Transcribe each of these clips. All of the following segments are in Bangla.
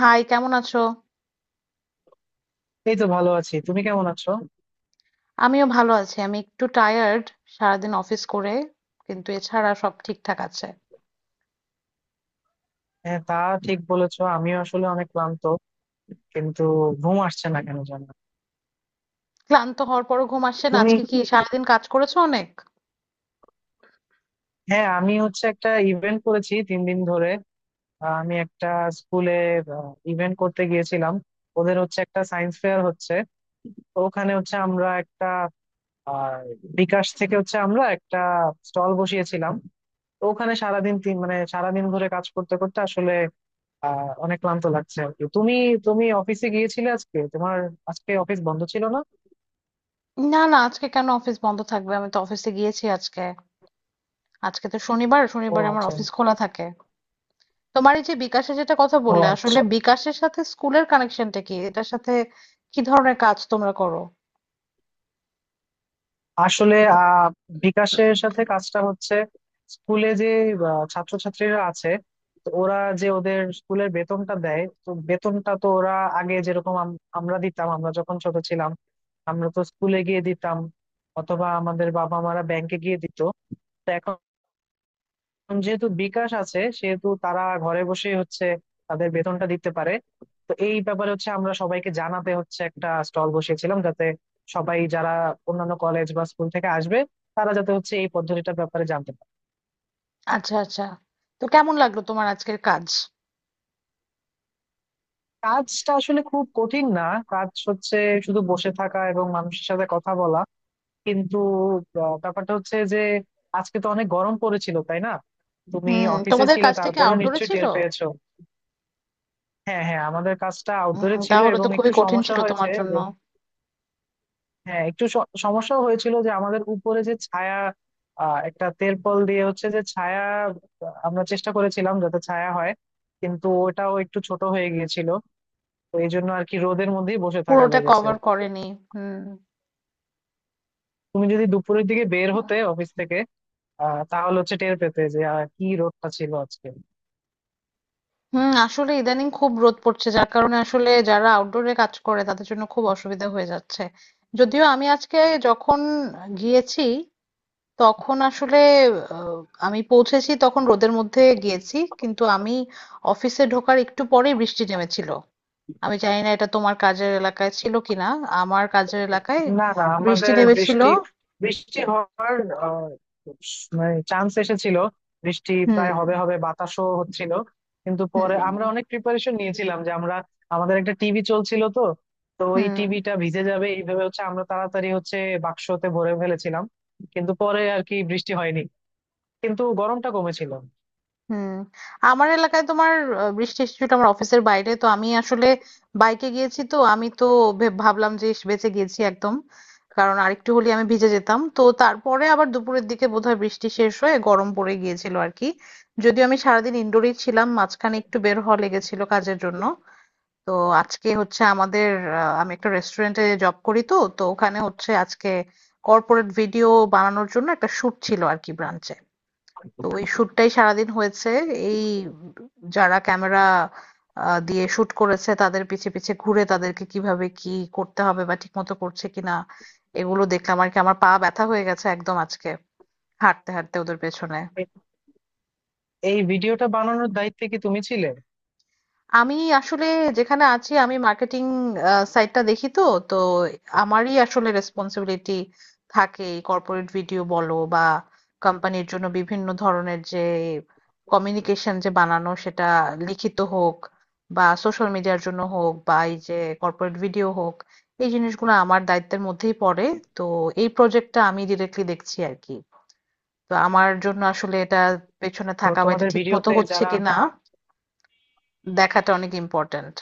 হাই, কেমন আছো? এই তো ভালো আছি। তুমি কেমন আছো? আমিও ভালো আছি। আমি একটু টায়ার্ড, সারাদিন অফিস করে, কিন্তু এছাড়া সব ঠিকঠাক আছে। হ্যাঁ, তা ঠিক বলেছো। আমিও আসলে অনেক ক্লান্ত, কিন্তু ঘুম আসছে না, কেন জানো? ক্লান্ত হওয়ার পরও ঘুম আসছে না। তুমি। আজকে কি সারাদিন কাজ করেছো অনেক? হ্যাঁ, আমি হচ্ছে একটা ইভেন্ট করেছি 3 দিন ধরে। আমি একটা স্কুলে ইভেন্ট করতে গিয়েছিলাম। ওদের হচ্ছে একটা সায়েন্স ফেয়ার হচ্ছে, তো ওখানে হচ্ছে আমরা একটা, আহ, বিকাশ থেকে হচ্ছে আমরা একটা স্টল বসিয়েছিলাম। তো ওখানে সারাদিন তিন মানে সারাদিন ধরে কাজ করতে করতে আসলে অনেক ক্লান্ত লাগছে আর কি। তুমি, অফিসে গিয়েছিলে আজকে, তোমার আজকে অফিস বন্ধ ছিল না? না, না, আজকে কেন অফিস বন্ধ থাকবে? আমি তো অফিসে গিয়েছি আজকে। আজকে তো শনিবার, ও শনিবার আমার আচ্ছা। অফিস খোলা থাকে। তোমার এই যে বিকাশে যেটা কথা ও বললে, আসলে আচ্ছা। বিকাশের সাথে স্কুলের কানেকশনটা কি? এটার সাথে কি ধরনের কাজ তোমরা করো? আসলে বিকাশের সাথে কাজটা হচ্ছে, স্কুলে যে ছাত্রছাত্রীরা আছে, তো ওরা যে ওদের স্কুলের বেতনটা দেয়, তো বেতনটা তো ওরা আগে যেরকম আমরা দিতাম, আমরা যখন ছোট ছিলাম আমরা তো স্কুলে গিয়ে দিতাম, অথবা আমাদের বাবা মারা ব্যাংকে গিয়ে দিত। যেহেতু বিকাশ আছে, সেহেতু তারা ঘরে বসেই হচ্ছে তাদের বেতনটা দিতে পারে। তো এই ব্যাপারে হচ্ছে আমরা সবাইকে জানাতে হচ্ছে একটা স্টল বসিয়েছিলাম, যাতে সবাই যারা অন্যান্য কলেজ বা স্কুল থেকে আসবে, তারা যাতে হচ্ছে এই পদ্ধতিটার ব্যাপারে জানতে পারে। আচ্ছা আচ্ছা। তো কেমন লাগলো তোমার আজকের কাজ? কাজটা আসলে খুব কঠিন না, কাজ হচ্ছে শুধু বসে থাকা এবং মানুষের সাথে কথা বলা। কিন্তু ব্যাপারটা হচ্ছে যে আজকে তো অনেক গরম পড়েছিল, তাই না? তুমি হুম, অফিসে তোমাদের ছিলে, কাজটা কি তারপরে আউটডোরে নিশ্চয়ই ছিল? টের পেয়েছো। হ্যাঁ হ্যাঁ, আমাদের কাজটা আউটডোরে হুম, ছিল তাহলে এবং তো খুবই একটু কঠিন সমস্যা ছিল তোমার হয়েছে জন্য। যে, হ্যাঁ একটু সমস্যাও হয়েছিল যে আমাদের উপরে যে ছায়া, একটা তেরপল দিয়ে হচ্ছে যে ছায়া, আমরা চেষ্টা করেছিলাম যাতে ছায়া হয়, কিন্তু ওটাও একটু ছোট হয়ে গিয়েছিল। তো এই জন্য আর কি রোদের মধ্যেই বসে থাকা পুরোটা লেগেছে। কভার করেনি। হুম। তুমি যদি দুপুরের দিকে বের হতে অফিস থেকে, তাহলে হচ্ছে টের পেতে যে কি রোদটা ছিল আজকে। আসলে ইদানিং খুব রোদ পড়ছে যার কারণে আসলে যারা আউটডোরে কাজ করে তাদের জন্য খুব অসুবিধা হয়ে যাচ্ছে। যদিও আমি আজকে যখন গিয়েছি তখন আসলে আহ, আমি পৌঁছেছি তখন রোদের মধ্যে গিয়েছি কিন্তু আমি অফিসে ঢোকার একটু পরেই বৃষ্টি নেমেছিল। আমি জানি না এটা তোমার কাজের এলাকায় ছিল কিনা। আমার কাজের এলাকায় না না, বৃষ্টি আমাদের নেমেছিল। বৃষ্টি বৃষ্টি হওয়ার আহ, মানে চান্স এসেছিল, বৃষ্টি হুম প্রায় হবে হবে, বাতাসও হচ্ছিল। কিন্তু হুম পরে আমরা অনেক প্রিপারেশন নিয়েছিলাম যে, আমরা, আমাদের একটা টিভি চলছিল তো, তো ওই হুম টিভিটা ভিজে যাবে এইভাবে হচ্ছে আমরা তাড়াতাড়ি হচ্ছে বাক্সতে ভরে ফেলেছিলাম। কিন্তু পরে আর কি বৃষ্টি হয়নি, কিন্তু গরমটা কমেছিল। হুম আমার এলাকায় তোমার বৃষ্টি এসেছিল। আমার অফিসের বাইরে তো আমি আসলে বাইকে গিয়েছি তো আমি তো ভাবলাম যে ইস, বেঁচে গিয়েছি একদম, কারণ আরেকটু হলে আমি ভিজে যেতাম। তো তারপরে আবার দুপুরের দিকে বোধহয় বৃষ্টি শেষ হয়ে গরম পড়ে গিয়েছিল আর কি। যদিও আমি সারাদিন ইনডোরেই ছিলাম, মাঝখানে একটু বের হওয়া লেগেছিল কাজের জন্য। তো আজকে হচ্ছে আমাদের, আমি একটা রেস্টুরেন্টে জব করি তো তো ওখানে হচ্ছে আজকে কর্পোরেট ভিডিও বানানোর জন্য একটা শুট ছিল আর কি ব্রাঞ্চে। তো ওই শ্যুটটাই সারাদিন হয়েছে। এই যারা ক্যামেরা দিয়ে শুট করেছে তাদের পিছে পিছে ঘুরে তাদেরকে কিভাবে কি করতে হবে বা ঠিকমতো করছে কিনা এগুলো দেখলাম আর কি। আমার পা ব্যথা হয়ে গেছে একদম আজকে, হাঁটতে হাঁটতে ওদের পেছনে। এই ভিডিওটা বানানোর দায়িত্বে কি তুমি ছিলে? আমি আসলে যেখানে আছি আমি মার্কেটিং সাইডটা দেখি তো, তো আমারই আসলে রেসপন্সিবিলিটি থাকে কর্পোরেট ভিডিও বলো বা কোম্পানির জন্য বিভিন্ন ধরনের যে কমিউনিকেশন যে বানানো সেটা লিখিত হোক বা সোশ্যাল মিডিয়ার জন্য হোক বা এই যে কর্পোরেট ভিডিও হোক, এই জিনিসগুলো আমার দায়িত্বের মধ্যেই পড়ে। তো এই প্রজেক্টটা আমি ডিরেক্টলি দেখছি আর কি। তো আমার জন্য আসলে এটা পেছনে তো থাকা বা এটা তোমাদের ঠিক মতো ভিডিওতে হচ্ছে যারা, কিনা দেখাটা অনেক ইম্পর্ট্যান্ট।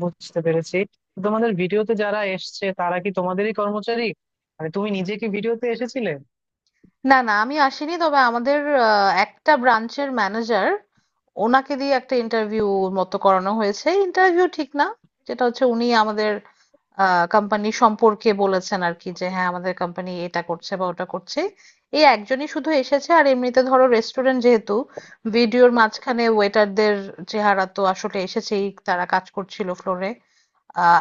বুঝতে পেরেছি। তো তোমাদের ভিডিওতে যারা এসছে, তারা কি তোমাদেরই কর্মচারী? মানে তুমি নিজে কি ভিডিওতে এসেছিলে? না, না, আমি আসিনি। তবে আমাদের একটা ব্রাঞ্চের ম্যানেজার, ওনাকে দিয়ে একটা ইন্টারভিউ মতো করানো হয়েছে। ইন্টারভিউ ঠিক না, যেটা হচ্ছে উনি আমাদের কোম্পানি সম্পর্কে বলেছেন আর কি, যে হ্যাঁ আমাদের কোম্পানি এটা করছে বা ওটা করছে। এই একজনই শুধু এসেছে আর এমনিতে ধরো রেস্টুরেন্ট যেহেতু, ভিডিওর মাঝখানে ওয়েটারদের চেহারা তো আসলে এসেছেই, তারা কাজ করছিল ফ্লোরে।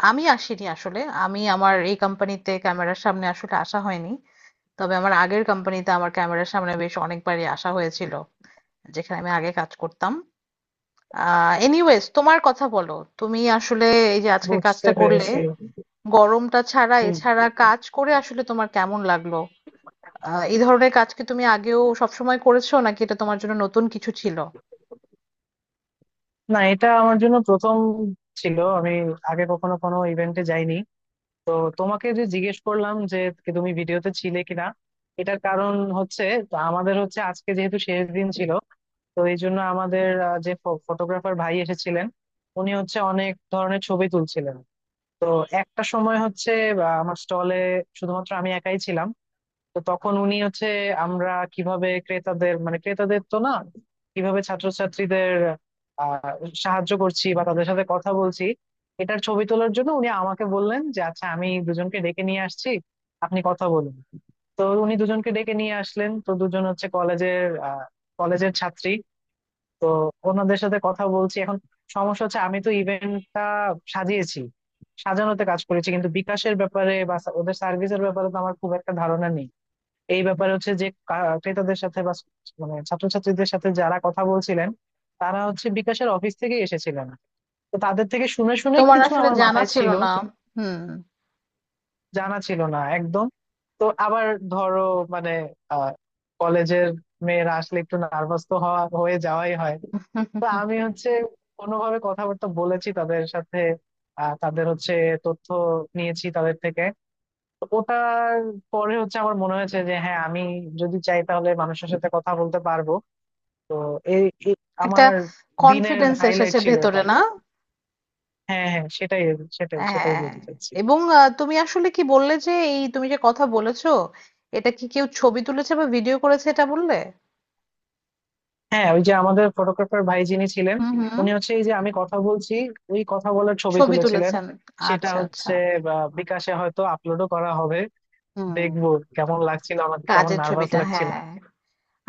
আমি আসিনি আসলে, আমি আমার এই কোম্পানিতে ক্যামেরার সামনে আসলে আসা হয়নি। তবে আমার আগের কোম্পানিতে আমার ক্যামেরার সামনে বেশ অনেকবারই আসা হয়েছিল, যেখানে আমি আগে কাজ করতাম। এনিওয়েজ তোমার কথা বলো, তুমি আসলে এই যে আজকে বুঝতে কাজটা করলে, পেরেছি। গরমটা ছাড়া হুম। এছাড়া কাজ করে আসলে তোমার কেমন লাগলো? এই ধরনের কাজ কি তুমি আগেও সবসময় করেছো নাকি এটা তোমার জন্য নতুন কিছু ছিল? না, এটা আমার জন্য প্রথম ছিল। আমি আগে কখনো কোনো ইভেন্টে যাইনি। তো তোমাকে যে জিজ্ঞেস করলাম যে কি তুমি ভিডিওতে ছিলে কিনা, এটার কারণ হচ্ছে, তো আমাদের হচ্ছে আজকে যেহেতু শেষ দিন ছিল, তো এই জন্য আমাদের যে ফটোগ্রাফার ভাই এসেছিলেন, উনি হচ্ছে অনেক ধরনের ছবি তুলছিলেন। তো একটা সময় হচ্ছে বা আমার স্টলে শুধুমাত্র আমি একাই ছিলাম। তো তখন উনি হচ্ছে, আমরা কিভাবে ক্রেতাদের, মানে ক্রেতাদের তো না, কিভাবে ছাত্রছাত্রীদের আহ সাহায্য করছি বা তাদের সাথে কথা বলছি, এটার ছবি তোলার জন্য উনি আমাকে বললেন যে, আচ্ছা আমি দুজনকে ডেকে নিয়ে আসছি, আপনি কথা বলুন। তো উনি দুজনকে ডেকে নিয়ে আসলেন, তো দুজন হচ্ছে কলেজের, কলেজের ছাত্রী। তো ওনাদের সাথে কথা বলছি এখন। সমস্যা হচ্ছে আমি তো ইভেন্টটা সাজিয়েছি, সাজানোতে কাজ করেছি, কিন্তু বিকাশের ব্যাপারে বা ওদের সার্ভিসের ব্যাপারে তো আমার খুব একটা ধারণা নেই। এই ব্যাপারে হচ্ছে যে ক্রেতাদের সাথে বা মানে ছাত্রছাত্রীদের সাথে, যারা কথা বলছিলেন, তারা হচ্ছে বিকাশের অফিস থেকে এসেছিলেন, তো তাদের থেকে শুনে শুনে তোমার কিছু আসলে আমার জানা মাথায় ছিল ছিল, না। হুম। জানা ছিল না একদম। তো আবার ধরো, মানে আহ কলেজের মেয়েরা আসলে একটু নার্ভাস তো হওয়া, হয়ে যাওয়াই হয়। তো আমি হচ্ছে কোনোভাবে কথাবার্তা বলেছি তাদের সাথে, তাদের হচ্ছে তথ্য নিয়েছি তাদের থেকে। তো ওটার পরে হচ্ছে আমার মনে হয়েছে যে হ্যাঁ, আমি যদি চাই তাহলে মানুষের সাথে কথা বলতে পারবো। তো এই এই একটা আমার দিনের কনফিডেন্স হাইলাইট এসেছে ছিল এটা। ভেতরে না? হ্যাঁ হ্যাঁ, সেটাই, সেটাই, সেটাই হ্যাঁ, বলতে চাইছি। এবং তুমি আসলে কি বললে যে এই তুমি যে কথা বলেছো এটা কি কেউ ছবি তুলেছে বা ভিডিও করেছে, এটা বললে? হ্যাঁ, ওই যে আমাদের ফটোগ্রাফার ভাই যিনি ছিলেন, হুম হুম উনি হচ্ছে এই যে আমি কথা বলছি, ওই কথা বলার ছবি ছবি তুলেছিলেন। তুলেছেন। সেটা আচ্ছা আচ্ছা। হচ্ছে বা, বিকাশে হয়তো আপলোডও করা হবে। হুম, দেখবো কেমন লাগছিল আমাকে, কেমন কাজের নার্ভাস ছবিটা, লাগছিল। হ্যাঁ।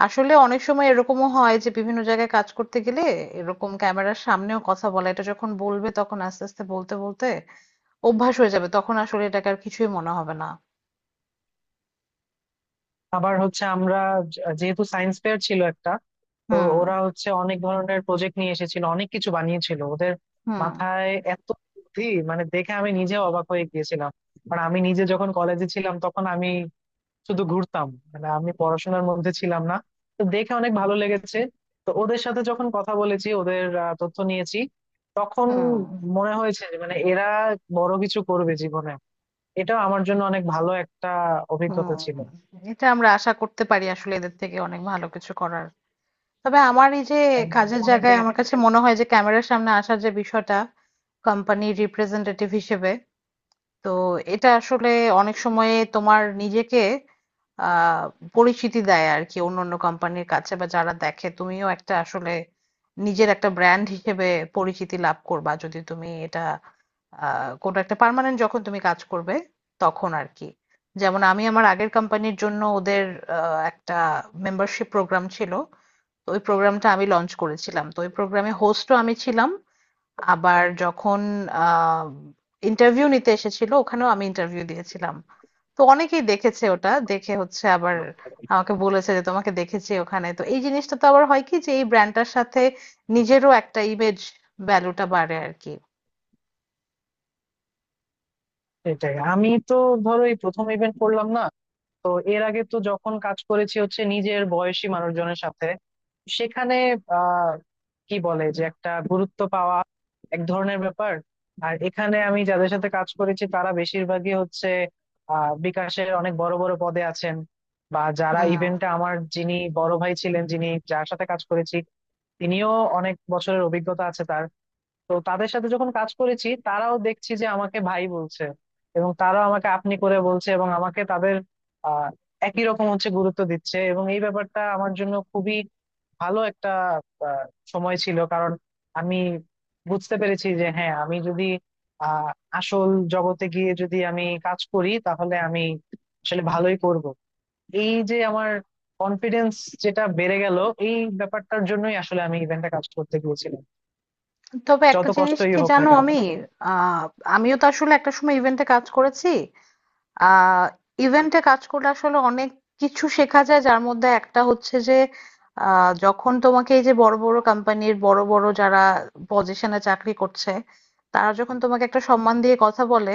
আসলে অনেক সময় এরকমও হয় যে বিভিন্ন জায়গায় কাজ করতে গেলে এরকম ক্যামেরার সামনেও কথা বলা, এটা যখন বলবে তখন আস্তে আস্তে বলতে বলতে অভ্যাস হয়ে যাবে, তখন আসলে এটাকে আর কিছুই মনে হবে না। আবার হচ্ছে আমরা, যেহেতু সায়েন্স ফেয়ার ছিল একটা, তো ওরা হুম হচ্ছে অনেক ধরনের প্রজেক্ট নিয়ে এসেছিল, অনেক কিছু বানিয়েছিল। ওদের হুম মাথায় এত বুদ্ধি, মানে দেখে আমি নিজে অবাক হয়ে গিয়েছিলাম। আর আমি নিজে যখন কলেজে ছিলাম তখন আমি শুধু ঘুরতাম, মানে আমি পড়াশোনার মধ্যে ছিলাম না। তো দেখে অনেক ভালো লেগেছে। তো ওদের সাথে যখন কথা বলেছি, ওদের তথ্য নিয়েছি, তখন হুম মনে হয়েছে যে মানে এরা বড় কিছু করবে জীবনে। এটা আমার জন্য অনেক ভালো একটা অভিজ্ঞতা হুম ছিল। এটা আমরা আশা করতে পারি আসলে এদের থেকে অনেক ভালো কিছু করার। তবে আমার এই যে একদম। কাজের অনেকে। জায়গায় আমার কাছে মনে হয় যে ক্যামেরার সামনে আসার যে বিষয়টা কোম্পানির রিপ্রেজেন্টেটিভ হিসেবে, তো এটা আসলে অনেক সময়ে তোমার নিজেকে আহ পরিচিতি দেয় আর কি অন্য অন্য কোম্পানির কাছে, বা যারা দেখে তুমিও একটা আসলে নিজের একটা ব্র্যান্ড হিসেবে পরিচিতি লাভ করবা যদি তুমি এটা কোনো একটা পার্মানেন্ট যখন তুমি কাজ করবে তখন আর কি। যেমন আমি আমার আগের কোম্পানির জন্য ওদের একটা মেম্বারশিপ প্রোগ্রাম ছিল। তো ওই প্রোগ্রামটা আমি লঞ্চ করেছিলাম। তো ওই প্রোগ্রামে হোস্টও আমি ছিলাম। আবার যখন আহ ইন্টারভিউ নিতে এসেছিল, ওখানেও আমি ইন্টারভিউ দিয়েছিলাম। তো অনেকেই দেখেছে ওটা। দেখে হচ্ছে আবার আমাকে বলেছে যে তোমাকে দেখেছি ওখানে। তো এই জিনিসটা তো আবার হয় কি যে এই ব্র্যান্ডটার সাথে নিজেরও একটা ইমেজ ভ্যালুটা বাড়ে আরকি। এটাই আমি তো, ধরো এই প্রথম ইভেন্ট করলাম না, তো এর আগে তো যখন কাজ করেছি হচ্ছে নিজের বয়সী মানুষজনের সাথে, সেখানে আহ কি বলে যে, একটা গুরুত্ব পাওয়া এক ধরনের ব্যাপার। আর এখানে আমি যাদের সাথে কাজ করেছি তারা বেশিরভাগই হচ্ছে বিকাশের অনেক বড় বড় পদে আছেন, বা যারা হুম, ইভেন্টে আমার যিনি বড় ভাই ছিলেন, যিনি যার সাথে কাজ করেছি, তিনিও অনেক বছরের অভিজ্ঞতা আছে তার। তো তাদের সাথে যখন কাজ করেছি, তারাও দেখছি যে আমাকে ভাই বলছে এবং তারাও আমাকে আপনি করে বলছে, এবং আমাকে তাদের আহ একই রকম হচ্ছে গুরুত্ব দিচ্ছে, এবং এই ব্যাপারটা আমার জন্য খুবই ভালো একটা আহ, সময় ছিল। কারণ আমি বুঝতে পেরেছি যে হ্যাঁ, আমি যদি আহ আসল জগতে গিয়ে যদি আমি কাজ করি তাহলে আমি আসলে ভালোই করব। এই যে আমার কনফিডেন্স যেটা বেড়ে গেল, এই ব্যাপারটার জন্যই আসলে আমি ইভেন্টে কাজ করতে গিয়েছিলাম, তবে একটা যত জিনিস কষ্টই কি হোক না জানো কেন। আমি আহ আমিও তো আসলে একটা সময় ইভেন্টে কাজ করেছি। আহ ইভেন্টে কাজ করলে আসলে অনেক কিছু শেখা যায়, যার মধ্যে একটা হচ্ছে যে যখন তোমাকে এই যে বড় বড় কোম্পানির বড় বড় যারা পজিশনে চাকরি করছে, তারা যখন তোমাকে একটা সম্মান দিয়ে কথা বলে,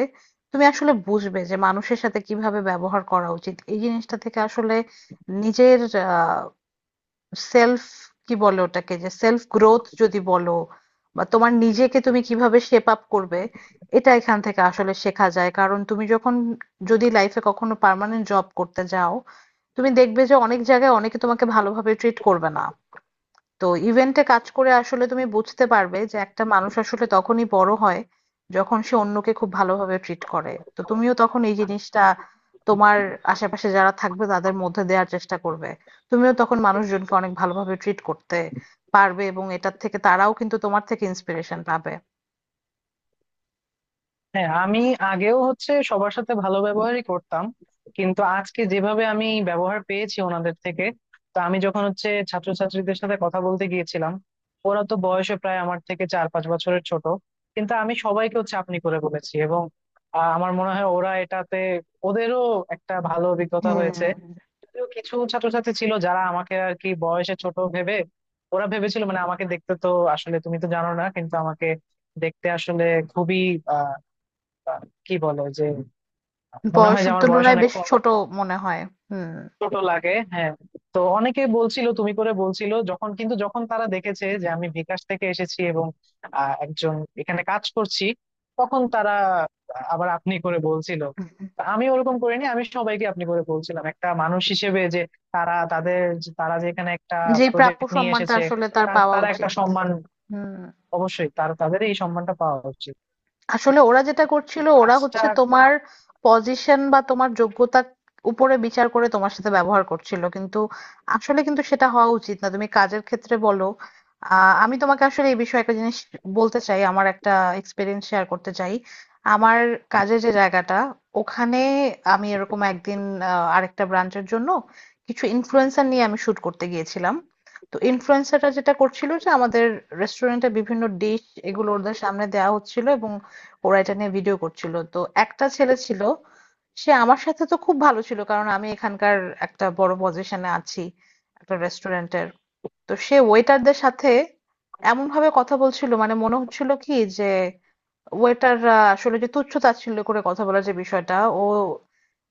তুমি আসলে বুঝবে যে মানুষের সাথে কিভাবে ব্যবহার করা উচিত। এই জিনিসটা থেকে আসলে নিজের সেলফ, কি বলে ওটাকে, যে সেলফ গ্রোথ যদি বলো বা তোমার নিজেকে তুমি কিভাবে শেপ আপ করবে, এটা এখান থেকে আসলে শেখা যায়। কারণ তুমি যখন, যদি লাইফে কখনো পার্মানেন্ট জব করতে যাও, তুমি দেখবে যে অনেক জায়গায় অনেকে তোমাকে ভালোভাবে ট্রিট করবে না। তো ইভেন্টে কাজ করে আসলে তুমি বুঝতে পারবে যে একটা মানুষ আসলে তখনই বড় হয় যখন সে অন্যকে খুব ভালোভাবে ট্রিট করে। তো তুমিও তখন এই জিনিসটা তোমার আশেপাশে যারা থাকবে তাদের মধ্যে দেওয়ার চেষ্টা করবে, তুমিও তখন মানুষজনকে অনেক ভালোভাবে ট্রিট করতে পারবে, এবং এটার থেকে তারাও কিন্তু তোমার থেকে ইন্সপিরেশন পাবে। হ্যাঁ, আমি আগেও হচ্ছে সবার সাথে ভালো ব্যবহারই করতাম, কিন্তু আজকে যেভাবে আমি ব্যবহার পেয়েছি ওনাদের থেকে, তো আমি যখন হচ্ছে ছাত্রছাত্রীদের সাথে কথা বলতে গিয়েছিলাম, ওরা তো বয়সে প্রায় আমার থেকে 4-5 বছরের ছোট, কিন্তু আমি সবাইকে হচ্ছে আপনি করে বলেছি এবং আমার মনে হয় ওরা এটাতে, ওদেরও একটা ভালো অভিজ্ঞতা হুম, হয়েছে। যদিও কিছু ছাত্রছাত্রী ছিল যারা আমাকে আর কি বয়সে ছোট ভেবে, ওরা ভেবেছিল মানে, আমাকে দেখতে তো, আসলে তুমি তো জানো না, কিন্তু আমাকে দেখতে আসলে খুবই আহ, কি বলে যে, মনে হয় যে বয়সের আমার বয়স তুলনায় অনেক বেশ কম, ছোট মনে হয়। হুম, ছোট লাগে, হ্যাঁ। তো অনেকে বলছিল তুমি করে বলছিল যখন, কিন্তু যখন তারা দেখেছে যে আমি বিকাশ থেকে এসেছি এবং একজন এখানে কাজ করছি, তখন তারা আবার আপনি করে বলছিল। তা আমি ওরকম করিনি, আমি সবাইকে আপনি করে বলছিলাম একটা মানুষ হিসেবে যে, তারা তাদের, তারা যে এখানে একটা যে প্রাপ্য প্রজেক্ট নিয়ে সম্মানটা এসেছে, আসলে তার তার পাওয়া তারা একটা উচিত। সম্মান হুম, অবশ্যই, তাদের এই সম্মানটা পাওয়া উচিত। আসলে ওরা যেটা করছিল, ওরা কাজটা। হচ্ছে তোমার পজিশন বা তোমার যোগ্যতার উপরে বিচার করে তোমার সাথে ব্যবহার করছিল, কিন্তু আসলে কিন্তু সেটা হওয়া উচিত না। তুমি কাজের ক্ষেত্রে বলো, আমি তোমাকে আসলে এই বিষয়ে একটা জিনিস বলতে চাই, আমার একটা এক্সপিরিয়েন্স শেয়ার করতে চাই। আমার কাজের যে জায়গাটা, ওখানে আমি এরকম একদিন, আরেকটা ব্রাঞ্চের জন্য কিছু ইনফ্লুয়েন্সার নিয়ে আমি শুট করতে গিয়েছিলাম। তো ইনফ্লুয়েন্সাররা যেটা করছিল যে আমাদের রেস্টুরেন্টে বিভিন্ন ডিশ এগুলো ওদের সামনে দেওয়া হচ্ছিল এবং ওরা এটা নিয়ে ভিডিও করছিল। তো একটা ছেলে ছিল, সে আমার সাথে তো খুব ভালো ছিল কারণ আমি এখানকার একটা বড় পজিশনে আছি, একটা রেস্টুরেন্টের। তো সে ওয়েটারদের সাথে এমন ভাবে কথা বলছিল মানে মনে হচ্ছিল কি যে, ওয়েটাররা আসলে যে তুচ্ছ-তাচ্ছিল্য করে কথা বলার যে বিষয়টা, ও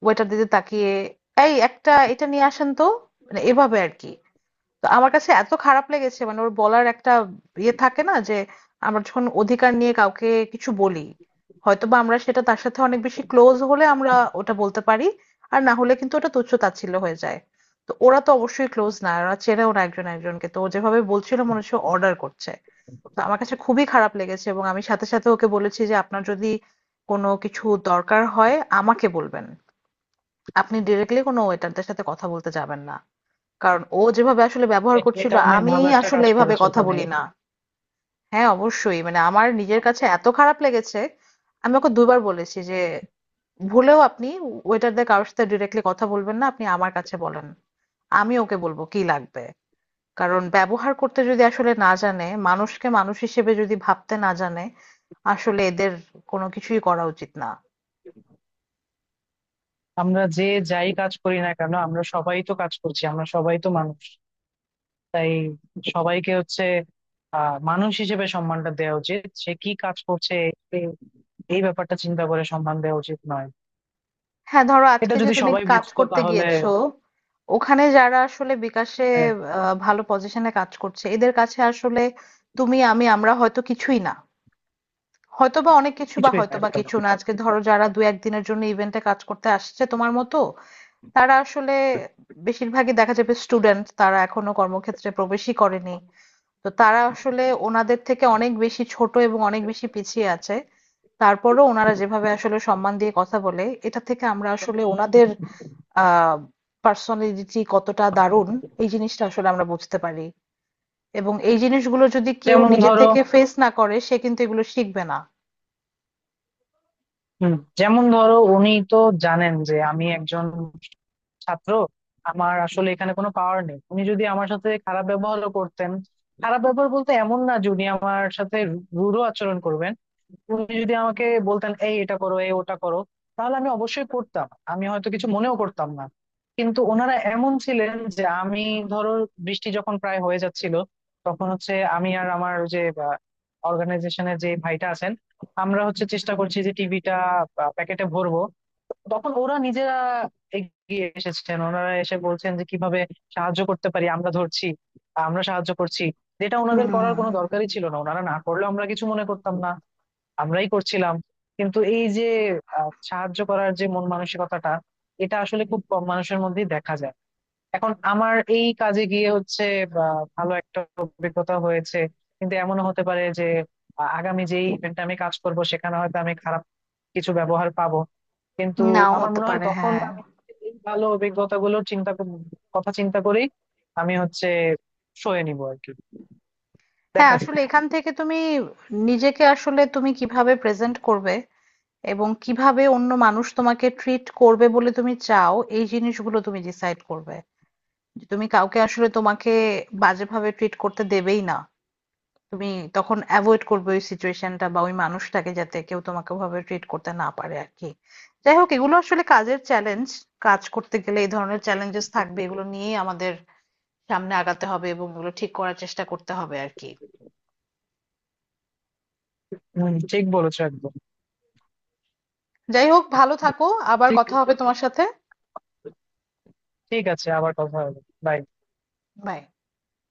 ওয়েটারদের দিকে তাকিয়ে, এই একটা এটা নিয়ে আসেন তো, মানে এভাবে আর কি। তো আমার কাছে এত খারাপ লেগেছে, মানে ওর বলার একটা ইয়ে থাকে না যে, আমরা যখন অধিকার নিয়ে কাউকে কিছু বলি, হয়তোবা আমরা সেটা তার সাথে অনেক বেশি ক্লোজ হলে আমরা ওটা বলতে পারি, আর না হলে কিন্তু ওটা তুচ্ছ তাচ্ছিল্য হয়ে যায়। তো ওরা তো অবশ্যই ক্লোজ না, ওরা চেনেও না একজন একজনকে, তো ও যেভাবে বলছিল মনে হচ্ছে অর্ডার করছে। তো আমার কাছে খুবই খারাপ লেগেছে, এবং আমি সাথে সাথে ওকে বলেছি যে আপনার যদি কোনো কিছু দরকার হয় আমাকে বলবেন, আপনি ডিরেক্টলি কোনো ওয়েটারদের সাথে কথা বলতে যাবেন না, কারণ ও যেভাবে আসলে ব্যবহার করছিল, এটা অনেক আমি ভালো একটা আসলে কাজ এভাবে করেছে কথা তুমি। বলি না। হ্যাঁ অবশ্যই, মানে আমার নিজের কাছে এত খারাপ লেগেছে। আমি ওকে দুবার বলেছি যে ভুলেও আপনি ওয়েটারদের কারোর সাথে ডিরেক্টলি কথা বলবেন না, আপনি আমার কাছে বলেন, আমি ওকে বলবো কি লাগবে। কারণ ব্যবহার করতে যদি আসলে না জানে, মানুষকে মানুষ হিসেবে যদি ভাবতে না জানে, আসলে এদের কোনো কিছুই করা উচিত না। আমরা যে, যাই কাজ করি না কেন আমরা সবাই তো কাজ করছি, আমরা সবাই তো মানুষ। তাই সবাইকে হচ্ছে মানুষ হিসেবে সম্মানটা দেওয়া উচিত, সে কি কাজ করছে এ- এই ব্যাপারটা চিন্তা করে সম্মান দেওয়া উচিত নয়। হ্যাঁ, ধরো এটা আজকে যে যদি তুমি সবাই কাজ বুঝতো করতে তাহলে গিয়েছো, ওখানে যারা আসলে বিকাশে আহ, ভালো পজিশনে কাজ করছে, এদের কাছে আসলে তুমি আমি আমরা হয়তো কিছুই না, হয়তোবা অনেক কিছু বা কিছুই হয়তোবা থাকতো না। কিছু না। আজকে ধরো যারা দু একদিনের জন্য ইভেন্টে কাজ করতে আসছে তোমার মতো, তারা আসলে বেশিরভাগই দেখা যাবে স্টুডেন্ট, তারা এখনো কর্মক্ষেত্রে প্রবেশই করেনি। তো তারা আসলে ওনাদের থেকে অনেক বেশি ছোট এবং অনেক বেশি পিছিয়ে আছে। তারপরেও ওনারা যেভাবে আসলে সম্মান দিয়ে কথা বলে, এটা থেকে আমরা আসলে ওনাদের আহ পার্সোনালিটি কতটা দারুণ এই জিনিসটা আসলে আমরা বুঝতে পারি, এবং এই জিনিসগুলো যদি কেউ যেমন নিজে ধরো, থেকে ফেস না করে সে কিন্তু এগুলো শিখবে না। হম, যেমন ধরো উনি তো জানেন যে আমি একজন ছাত্র, আমার আসলে এখানে কোনো পাওয়ার নেই, তুমি যদি আমার সাথে খারাপ ব্যবহারও করতেন, খারাপ ব্যবহার বলতে এমন না যে উনি আমার সাথে রূঢ় আচরণ করবেন। উনি যদি আমাকে বলতেন এই এটা করো, এই ওটা করো, তাহলে আমি অবশ্যই করতাম, আমি হয়তো কিছু মনেও করতাম না। কিন্তু ওনারা এমন ছিলেন যে, আমি ধরো বৃষ্টি যখন প্রায় হয়ে যাচ্ছিল, তখন হচ্ছে আমি আর আমার যে অর্গানাইজেশনের যে ভাইটা আছেন, আমরা হচ্ছে চেষ্টা করছি যে টিভিটা প্যাকেটে ভরবো, তখন ওরা নিজেরা এগিয়ে এসেছেন, ওনারা এসে বলছেন যে কিভাবে সাহায্য করতে পারি, আমরা ধরছি, আমরা সাহায্য করছি, যেটা হুম, ওনাদের করার কোনো দরকারই ছিল না, ওনারা না করলেও আমরা কিছু মনে করতাম না, আমরাই করছিলাম। কিন্তু এই যে সাহায্য করার যে মন মানসিকতাটা, এটা আসলে খুব কম মানুষের মধ্যেই দেখা যায়। এখন আমার এই কাজে গিয়ে হচ্ছে বা, ভালো একটা অভিজ্ঞতা হয়েছে। কিন্তু এমনও হতে পারে যে আগামী যে ইভেন্টে আমি কাজ করব, সেখানে হয়তো আমি খারাপ কিছু ব্যবহার পাবো। কিন্তু নাও আমার হতে মনে হয় পারে, তখন হ্যাঁ। আমি এই ভালো অভিজ্ঞতা গুলো চিন্তা কথা চিন্তা করেই আমি হচ্ছে সয়ে নিবো আর কি। হ্যাঁ দেখা যাক। আসলে এখান থেকে তুমি নিজেকে আসলে তুমি কিভাবে প্রেজেন্ট করবে এবং কিভাবে অন্য মানুষ তোমাকে ট্রিট করবে বলে তুমি চাও, এই জিনিসগুলো তুমি ডিসাইড করবে, যে তুমি কাউকে আসলে তোমাকে বাজেভাবে ট্রিট করতে দেবেই না। তুমি তখন অ্যাভয়েড করবে ওই সিচুয়েশনটা বা ওই মানুষটাকে যাতে কেউ তোমাকে ওভাবে ট্রিট করতে না পারে আর কি। যাই হোক, এগুলো আসলে কাজের চ্যালেঞ্জ, কাজ করতে গেলে এই ধরনের চ্যালেঞ্জেস থাকবে, এগুলো নিয়েই আমাদের সামনে আগাতে হবে এবং এগুলো ঠিক করার চেষ্টা করতে হবে আর কি। হম, ঠিক বলেছো একদম। যাই হোক, ভালো থাকো, আবার ঠিক, কথা হবে তোমার সাথে। ঠিক আছে, আবার কথা হবে। Bye. বাই।